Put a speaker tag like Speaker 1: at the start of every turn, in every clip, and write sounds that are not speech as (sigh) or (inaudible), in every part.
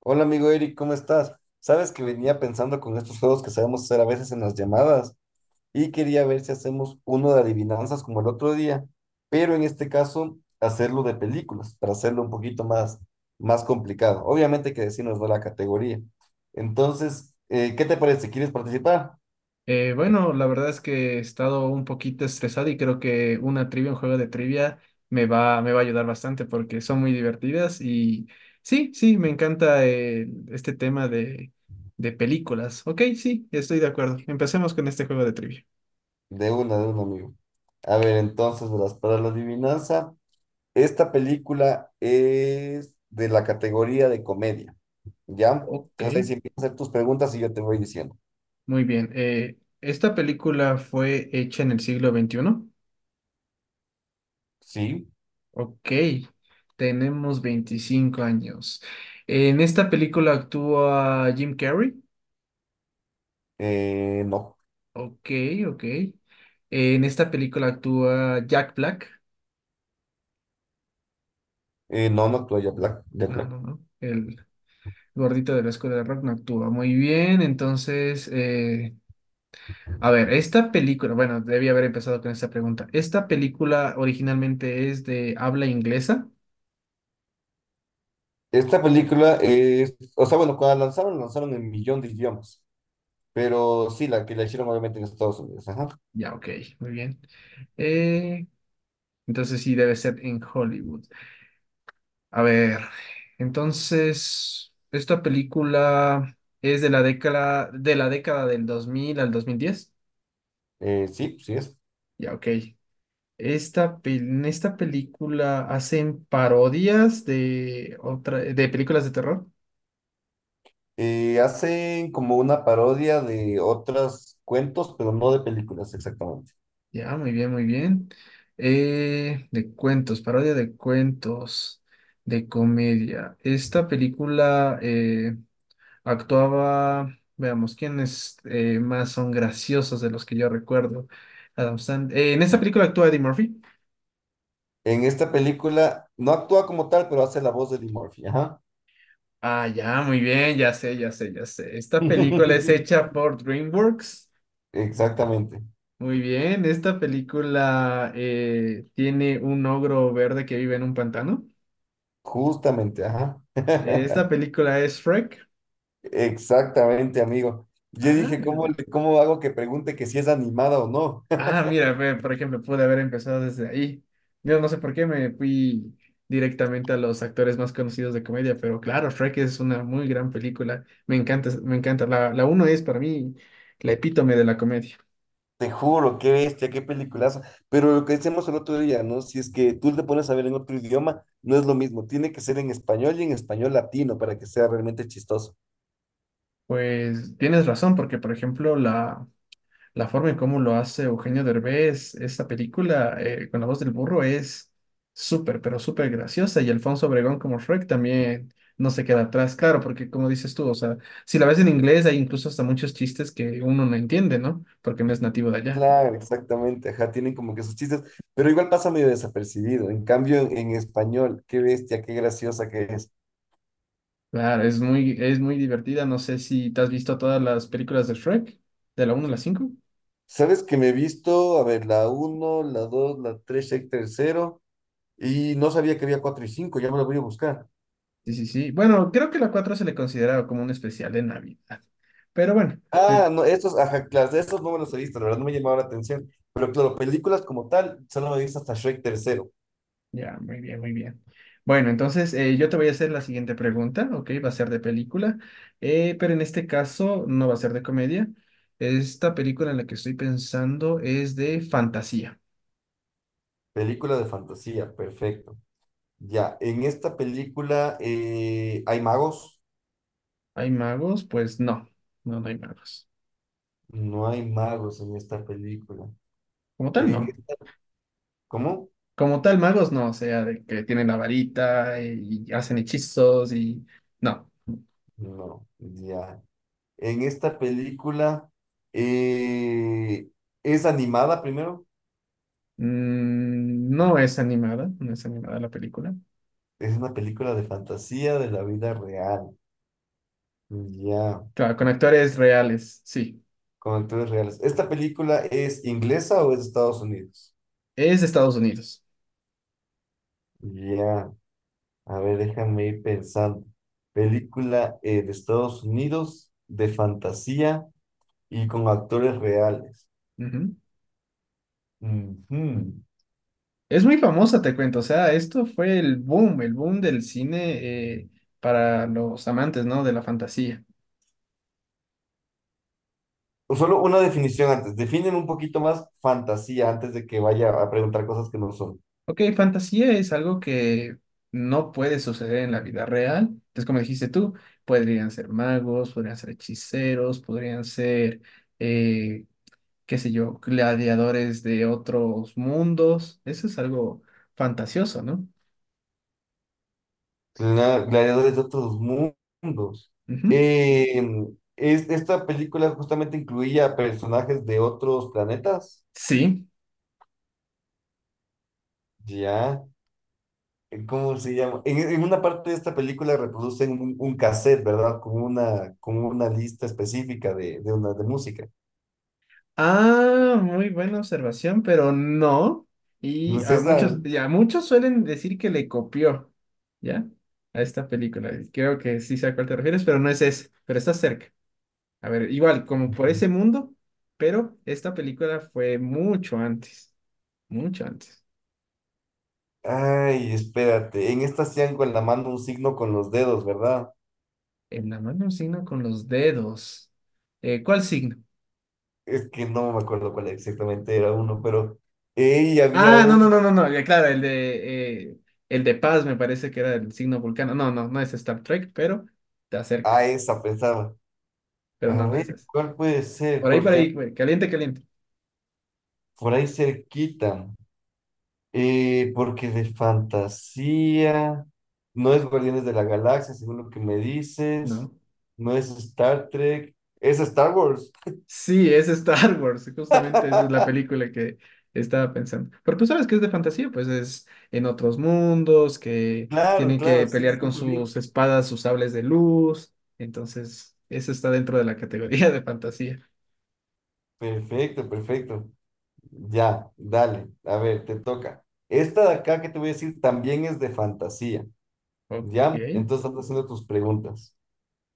Speaker 1: Hola amigo Eric, ¿cómo estás? Sabes que venía pensando con estos juegos que sabemos hacer a veces en las llamadas y quería ver si hacemos uno de adivinanzas como el otro día, pero en este caso hacerlo de películas para hacerlo un poquito más, más complicado. Obviamente que decirnos de la categoría. Entonces, ¿qué te parece? ¿Quieres participar?
Speaker 2: Bueno, la verdad es que he estado un poquito estresado y creo que una trivia, un juego de trivia me va a ayudar bastante porque son muy divertidas y sí, sí, me encanta este tema de películas. Ok, sí, estoy de acuerdo. Empecemos con este juego de trivia.
Speaker 1: De una, de un amigo. A ver, entonces, verás, para la adivinanza, esta película es de la categoría de comedia. ¿Ya?
Speaker 2: Ok,
Speaker 1: Entonces ahí sí empiezas a hacer tus preguntas y yo te voy diciendo.
Speaker 2: muy bien. ¿esta película fue hecha en el siglo XXI?
Speaker 1: Sí,
Speaker 2: Ok, tenemos 25 años. ¿En esta película actúa Jim Carrey?
Speaker 1: no,
Speaker 2: Ok, ok. En esta película actúa Jack Black.
Speaker 1: no, no actúa Jack Black, Jack
Speaker 2: No,
Speaker 1: Black.
Speaker 2: no, no. El gordito de la escuela de rock no actúa muy bien. Entonces, a ver, esta película, bueno, debía haber empezado con esta pregunta. ¿Esta película originalmente es de habla inglesa?
Speaker 1: Esta película es, o sea, bueno, cuando la lanzaron en millón de idiomas, pero sí, la que la hicieron obviamente en Estados Unidos, ajá.
Speaker 2: Ya, ok, muy bien. Eh, entonces sí, debe ser en Hollywood. A ver, entonces, ¿esta película es de la década del 2000 al 2010?
Speaker 1: Sí, sí es.
Speaker 2: Ya, ok. Esta, en esta película hacen parodias de películas de terror.
Speaker 1: Hacen como una parodia de otros cuentos, pero no de películas exactamente.
Speaker 2: Ya, muy bien, muy bien. De cuentos, parodia de cuentos, de comedia. Esta película actuaba, veamos, ¿quiénes más son graciosos de los que yo recuerdo? En esta película actúa Eddie Murphy.
Speaker 1: En esta película no actúa como tal, pero hace la voz de Eddie Murphy, ajá.
Speaker 2: Ah, ya, muy bien, ya sé, ya sé, ya sé. Esta película es
Speaker 1: (laughs)
Speaker 2: hecha por DreamWorks.
Speaker 1: Exactamente,
Speaker 2: Muy bien, esta película tiene un ogro verde que vive en un pantano.
Speaker 1: justamente, ajá.
Speaker 2: Eh,
Speaker 1: (laughs)
Speaker 2: Esta película es Shrek.
Speaker 1: Exactamente, amigo. Yo
Speaker 2: Ah,
Speaker 1: dije,
Speaker 2: mira,
Speaker 1: ¿cómo, le- cómo hago que pregunte que si es animada o no? (laughs)
Speaker 2: ah, mira, ve, por ejemplo, pude haber empezado desde ahí. Yo no sé por qué me fui directamente a los actores más conocidos de comedia, pero claro, Shrek es una muy gran película. Me encanta, me encanta. La uno es para mí la epítome de la comedia.
Speaker 1: Te juro, qué bestia, qué peliculazo. Pero lo que decíamos el otro día, ¿no? Si es que tú te pones a ver en otro idioma, no es lo mismo. Tiene que ser en español y en español latino para que sea realmente chistoso.
Speaker 2: Pues tienes razón, porque por ejemplo, la forma en cómo lo hace Eugenio Derbez, esta película con la voz del burro es súper, pero súper graciosa. Y Alfonso Obregón como Shrek también no se queda atrás, claro, porque como dices tú, o sea, si la ves en inglés hay incluso hasta muchos chistes que uno no entiende, ¿no? Porque no es nativo de allá.
Speaker 1: Claro, exactamente. Ajá, tienen como que sus chistes, pero igual pasa medio desapercibido. En cambio, en español, qué bestia, qué graciosa que es.
Speaker 2: Claro, es muy divertida. No sé si te has visto todas las películas de Shrek, de la uno a la cinco.
Speaker 1: ¿Sabes que me he visto? A ver, la uno, la 2, la 3, el tercero. Y no sabía que había cuatro y cinco, ya me lo voy a buscar.
Speaker 2: Sí, sí, sí. Bueno, creo que la 4 se le consideraba como un especial de Navidad. Pero bueno,
Speaker 1: Ah,
Speaker 2: de-
Speaker 1: no, estos, ajá, claro, de estos no me los he visto, la verdad no me llamaba la atención. Pero claro, películas como tal, solo me he visto hasta Shrek tercero.
Speaker 2: ya, muy bien, muy bien. Bueno, entonces yo te voy a hacer la siguiente pregunta, ¿ok? Va a ser de película, pero en este caso no va a ser de comedia. Esta película en la que estoy pensando es de fantasía.
Speaker 1: Película de fantasía, perfecto. Ya, en esta película hay magos.
Speaker 2: ¿Hay magos? Pues no, no, no hay magos.
Speaker 1: No hay magos en esta película.
Speaker 2: Como tal,
Speaker 1: En
Speaker 2: no.
Speaker 1: esta- ¿cómo?
Speaker 2: Como tal, magos no, o sea, de que tienen la varita y hacen hechizos y... No.
Speaker 1: No, ya. En esta película eh, es animada primero.
Speaker 2: Mm, no es animada, no es animada la película.
Speaker 1: Es una película de fantasía de la vida real. Ya.
Speaker 2: Claro, con actores reales, sí.
Speaker 1: Con actores reales. ¿Esta película es inglesa o es de Estados Unidos?
Speaker 2: Es de Estados Unidos.
Speaker 1: Ya, a ver, déjame ir pensando. Película de Estados Unidos, de fantasía y con actores reales.
Speaker 2: Ujú.
Speaker 1: Ujú.
Speaker 2: Es muy famosa, te cuento. O sea, esto fue el boom del cine para los amantes, ¿no? De la fantasía.
Speaker 1: Solo una definición antes. Definen un poquito más fantasía antes de que vaya a preguntar cosas que no son.
Speaker 2: Ok, fantasía es algo que no puede suceder en la vida real. Entonces, como dijiste tú, podrían ser magos, podrían ser hechiceros, podrían ser, eh, qué sé yo, gladiadores de otros mundos. Eso es algo fantasioso, ¿no?
Speaker 1: Gla- Gladiadores de otros mundos.
Speaker 2: Ujú.
Speaker 1: Eh, es, esta película justamente incluía personajes de otros planetas.
Speaker 2: Sí.
Speaker 1: Ya. ¿Cómo se llama? En una parte de esta película reproducen un cassette, ¿verdad? Con una lista específica de, una, de música.
Speaker 2: Ah, muy buena observación, pero no.
Speaker 1: Pues esa,
Speaker 2: Y a muchos suelen decir que le copió, ¿ya? A esta película. Y creo que sí sé a cuál te refieres, pero no es ese, pero está cerca. A ver, igual, como por ese mundo, pero esta película fue mucho antes, mucho antes.
Speaker 1: ay, espérate, en esta hacían con la mano un signo con los dedos, ¿verdad?
Speaker 2: En la mano un signo con los dedos. ¿cuál signo?
Speaker 1: Es que no me acuerdo cuál exactamente era uno, pero ella había
Speaker 2: Ah, no, no,
Speaker 1: un,
Speaker 2: no, no, no, ya, claro, el de paz me parece que era el signo vulcano. No, no, no es Star Trek, pero te
Speaker 1: a
Speaker 2: acercas.
Speaker 1: esa pensaba,
Speaker 2: Pero no,
Speaker 1: a
Speaker 2: no
Speaker 1: ver,
Speaker 2: es eso.
Speaker 1: ¿cuál puede ser?
Speaker 2: Por
Speaker 1: Porque
Speaker 2: ahí, güey, caliente, caliente.
Speaker 1: por ahí cerquita. Porque de fantasía, no es Guardianes de la Galaxia, según lo que me
Speaker 2: No.
Speaker 1: dices, no es Star Trek, es Star Wars.
Speaker 2: Sí, es Star (laughs) Wars, justamente esa es la película que estaba pensando. Pero tú sabes que es de fantasía, pues es en otros mundos, que
Speaker 1: Claro,
Speaker 2: tienen que
Speaker 1: claro, sí,
Speaker 2: pelear con
Speaker 1: súper bien.
Speaker 2: sus espadas, sus sables de luz. Entonces, eso está dentro de la categoría (laughs) de fantasía.
Speaker 1: Perfecto, perfecto. Ya, dale, a ver, te toca. Esta de acá que te voy a decir también es de fantasía,
Speaker 2: Ok,
Speaker 1: ¿ya? Entonces estás haciendo tus preguntas.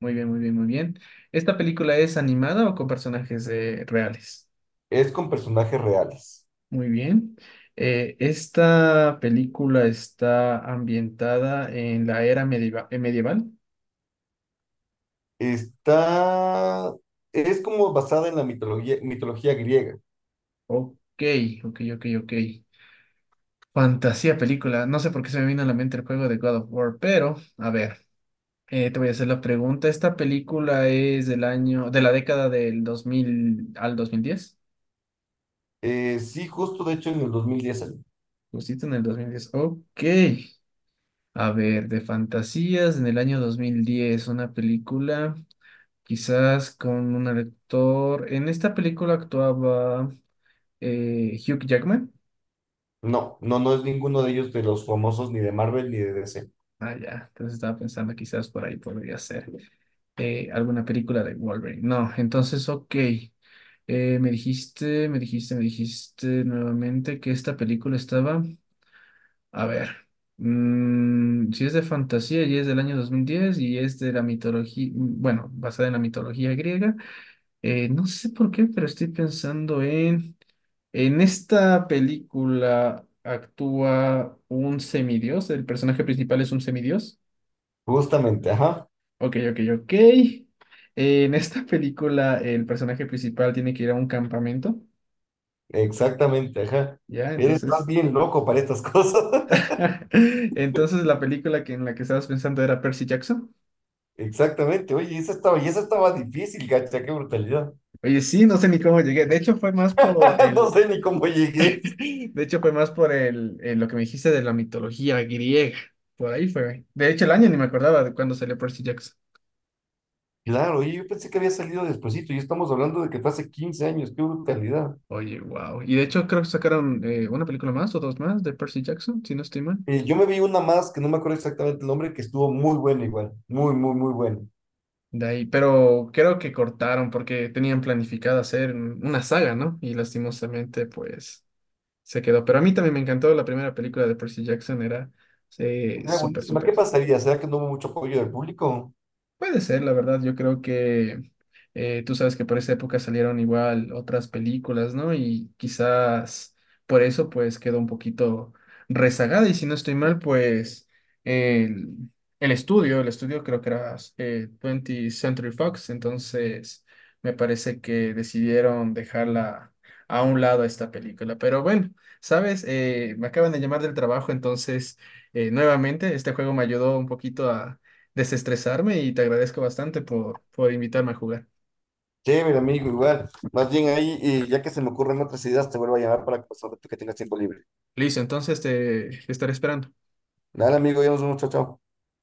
Speaker 2: muy bien, muy bien, muy bien. ¿Esta película es animada o con personajes reales?
Speaker 1: Es con personajes reales.
Speaker 2: Muy bien. Esta película está ambientada en la era medieval.
Speaker 1: Está, es como basada en la mitología, mitología griega.
Speaker 2: Ok, ok, ok, ok. Fantasía película. No sé por qué se me vino a la mente el juego de God of War, pero a ver, te voy a hacer la pregunta. ¿Esta película es del año, de la década del 2000 al dos mil diez?
Speaker 1: Sí, justo de hecho en el 2010 salió.
Speaker 2: Justito en el 2010. Ok. A ver, de fantasías en el año 2010 una película. Quizás con un actor. En esta película actuaba Hugh Jackman.
Speaker 1: No, no, no es ninguno de ellos de los famosos ni de Marvel ni de DC.
Speaker 2: Ah, ya. Entonces estaba pensando, quizás por ahí podría ser alguna película de Wolverine. No, entonces, ok. Me dijiste nuevamente que esta película estaba. A ver. Si es de fantasía y es del año 2010 y es de la mitología, bueno, basada en la mitología griega. No sé por qué, pero estoy pensando en. En esta película actúa un semidios. El personaje principal es un semidios.
Speaker 1: Justamente, ajá,
Speaker 2: Ok, ok, ok. En esta película el personaje principal tiene que ir a un campamento.
Speaker 1: exactamente, ajá.
Speaker 2: Ya,
Speaker 1: Eres estás
Speaker 2: entonces.
Speaker 1: bien loco para estas cosas. (laughs)
Speaker 2: (laughs) Entonces la película que en la que estabas pensando era Percy Jackson.
Speaker 1: Exactamente, oye, esa estaba, y esa estaba difícil, gacha, qué brutalidad.
Speaker 2: Oye, sí, no sé ni cómo llegué. De hecho fue más por
Speaker 1: (laughs) No
Speaker 2: el,
Speaker 1: sé ni cómo llegué.
Speaker 2: (laughs) de hecho fue más por el, lo que me dijiste de la mitología griega. Por ahí fue. De hecho el año ni me acordaba de cuándo salió Percy Jackson.
Speaker 1: Claro, oye, yo pensé que había salido despuesito y estamos hablando de que fue hace 15 años, qué brutalidad.
Speaker 2: Oye, wow. Y de hecho creo que sacaron una película más o dos más de Percy Jackson, si no estoy mal.
Speaker 1: Yo me vi una más que no me acuerdo exactamente el nombre, que estuvo muy buena igual, muy, muy, muy buena.
Speaker 2: De ahí, pero creo que cortaron porque tenían planificado hacer una saga, ¿no? Y lastimosamente, pues, se quedó. Pero a mí también me encantó la primera película de Percy Jackson, era
Speaker 1: Ah,
Speaker 2: súper,
Speaker 1: buenísima.
Speaker 2: súper.
Speaker 1: ¿Qué pasaría? ¿Será que no hubo mucho apoyo del público?
Speaker 2: Puede ser, la verdad, yo creo que tú sabes que por esa época salieron igual otras películas, ¿no? Y quizás por eso pues quedó un poquito rezagada y si no estoy mal, pues el, el estudio creo que era 20 Century Fox, entonces me parece que decidieron dejarla a un lado esta película. Pero bueno, sabes, me acaban de llamar del trabajo, entonces nuevamente este juego me ayudó un poquito a desestresarme y te agradezco bastante por invitarme a jugar.
Speaker 1: Chévere, amigo, igual. Más bien ahí, y ya que se me ocurren otras ideas, te vuelvo a llamar para que, pues, ahora tú que tengas tiempo libre.
Speaker 2: Listo, entonces te estaré esperando.
Speaker 1: Dale, amigo, ya nos vemos, chao, chao.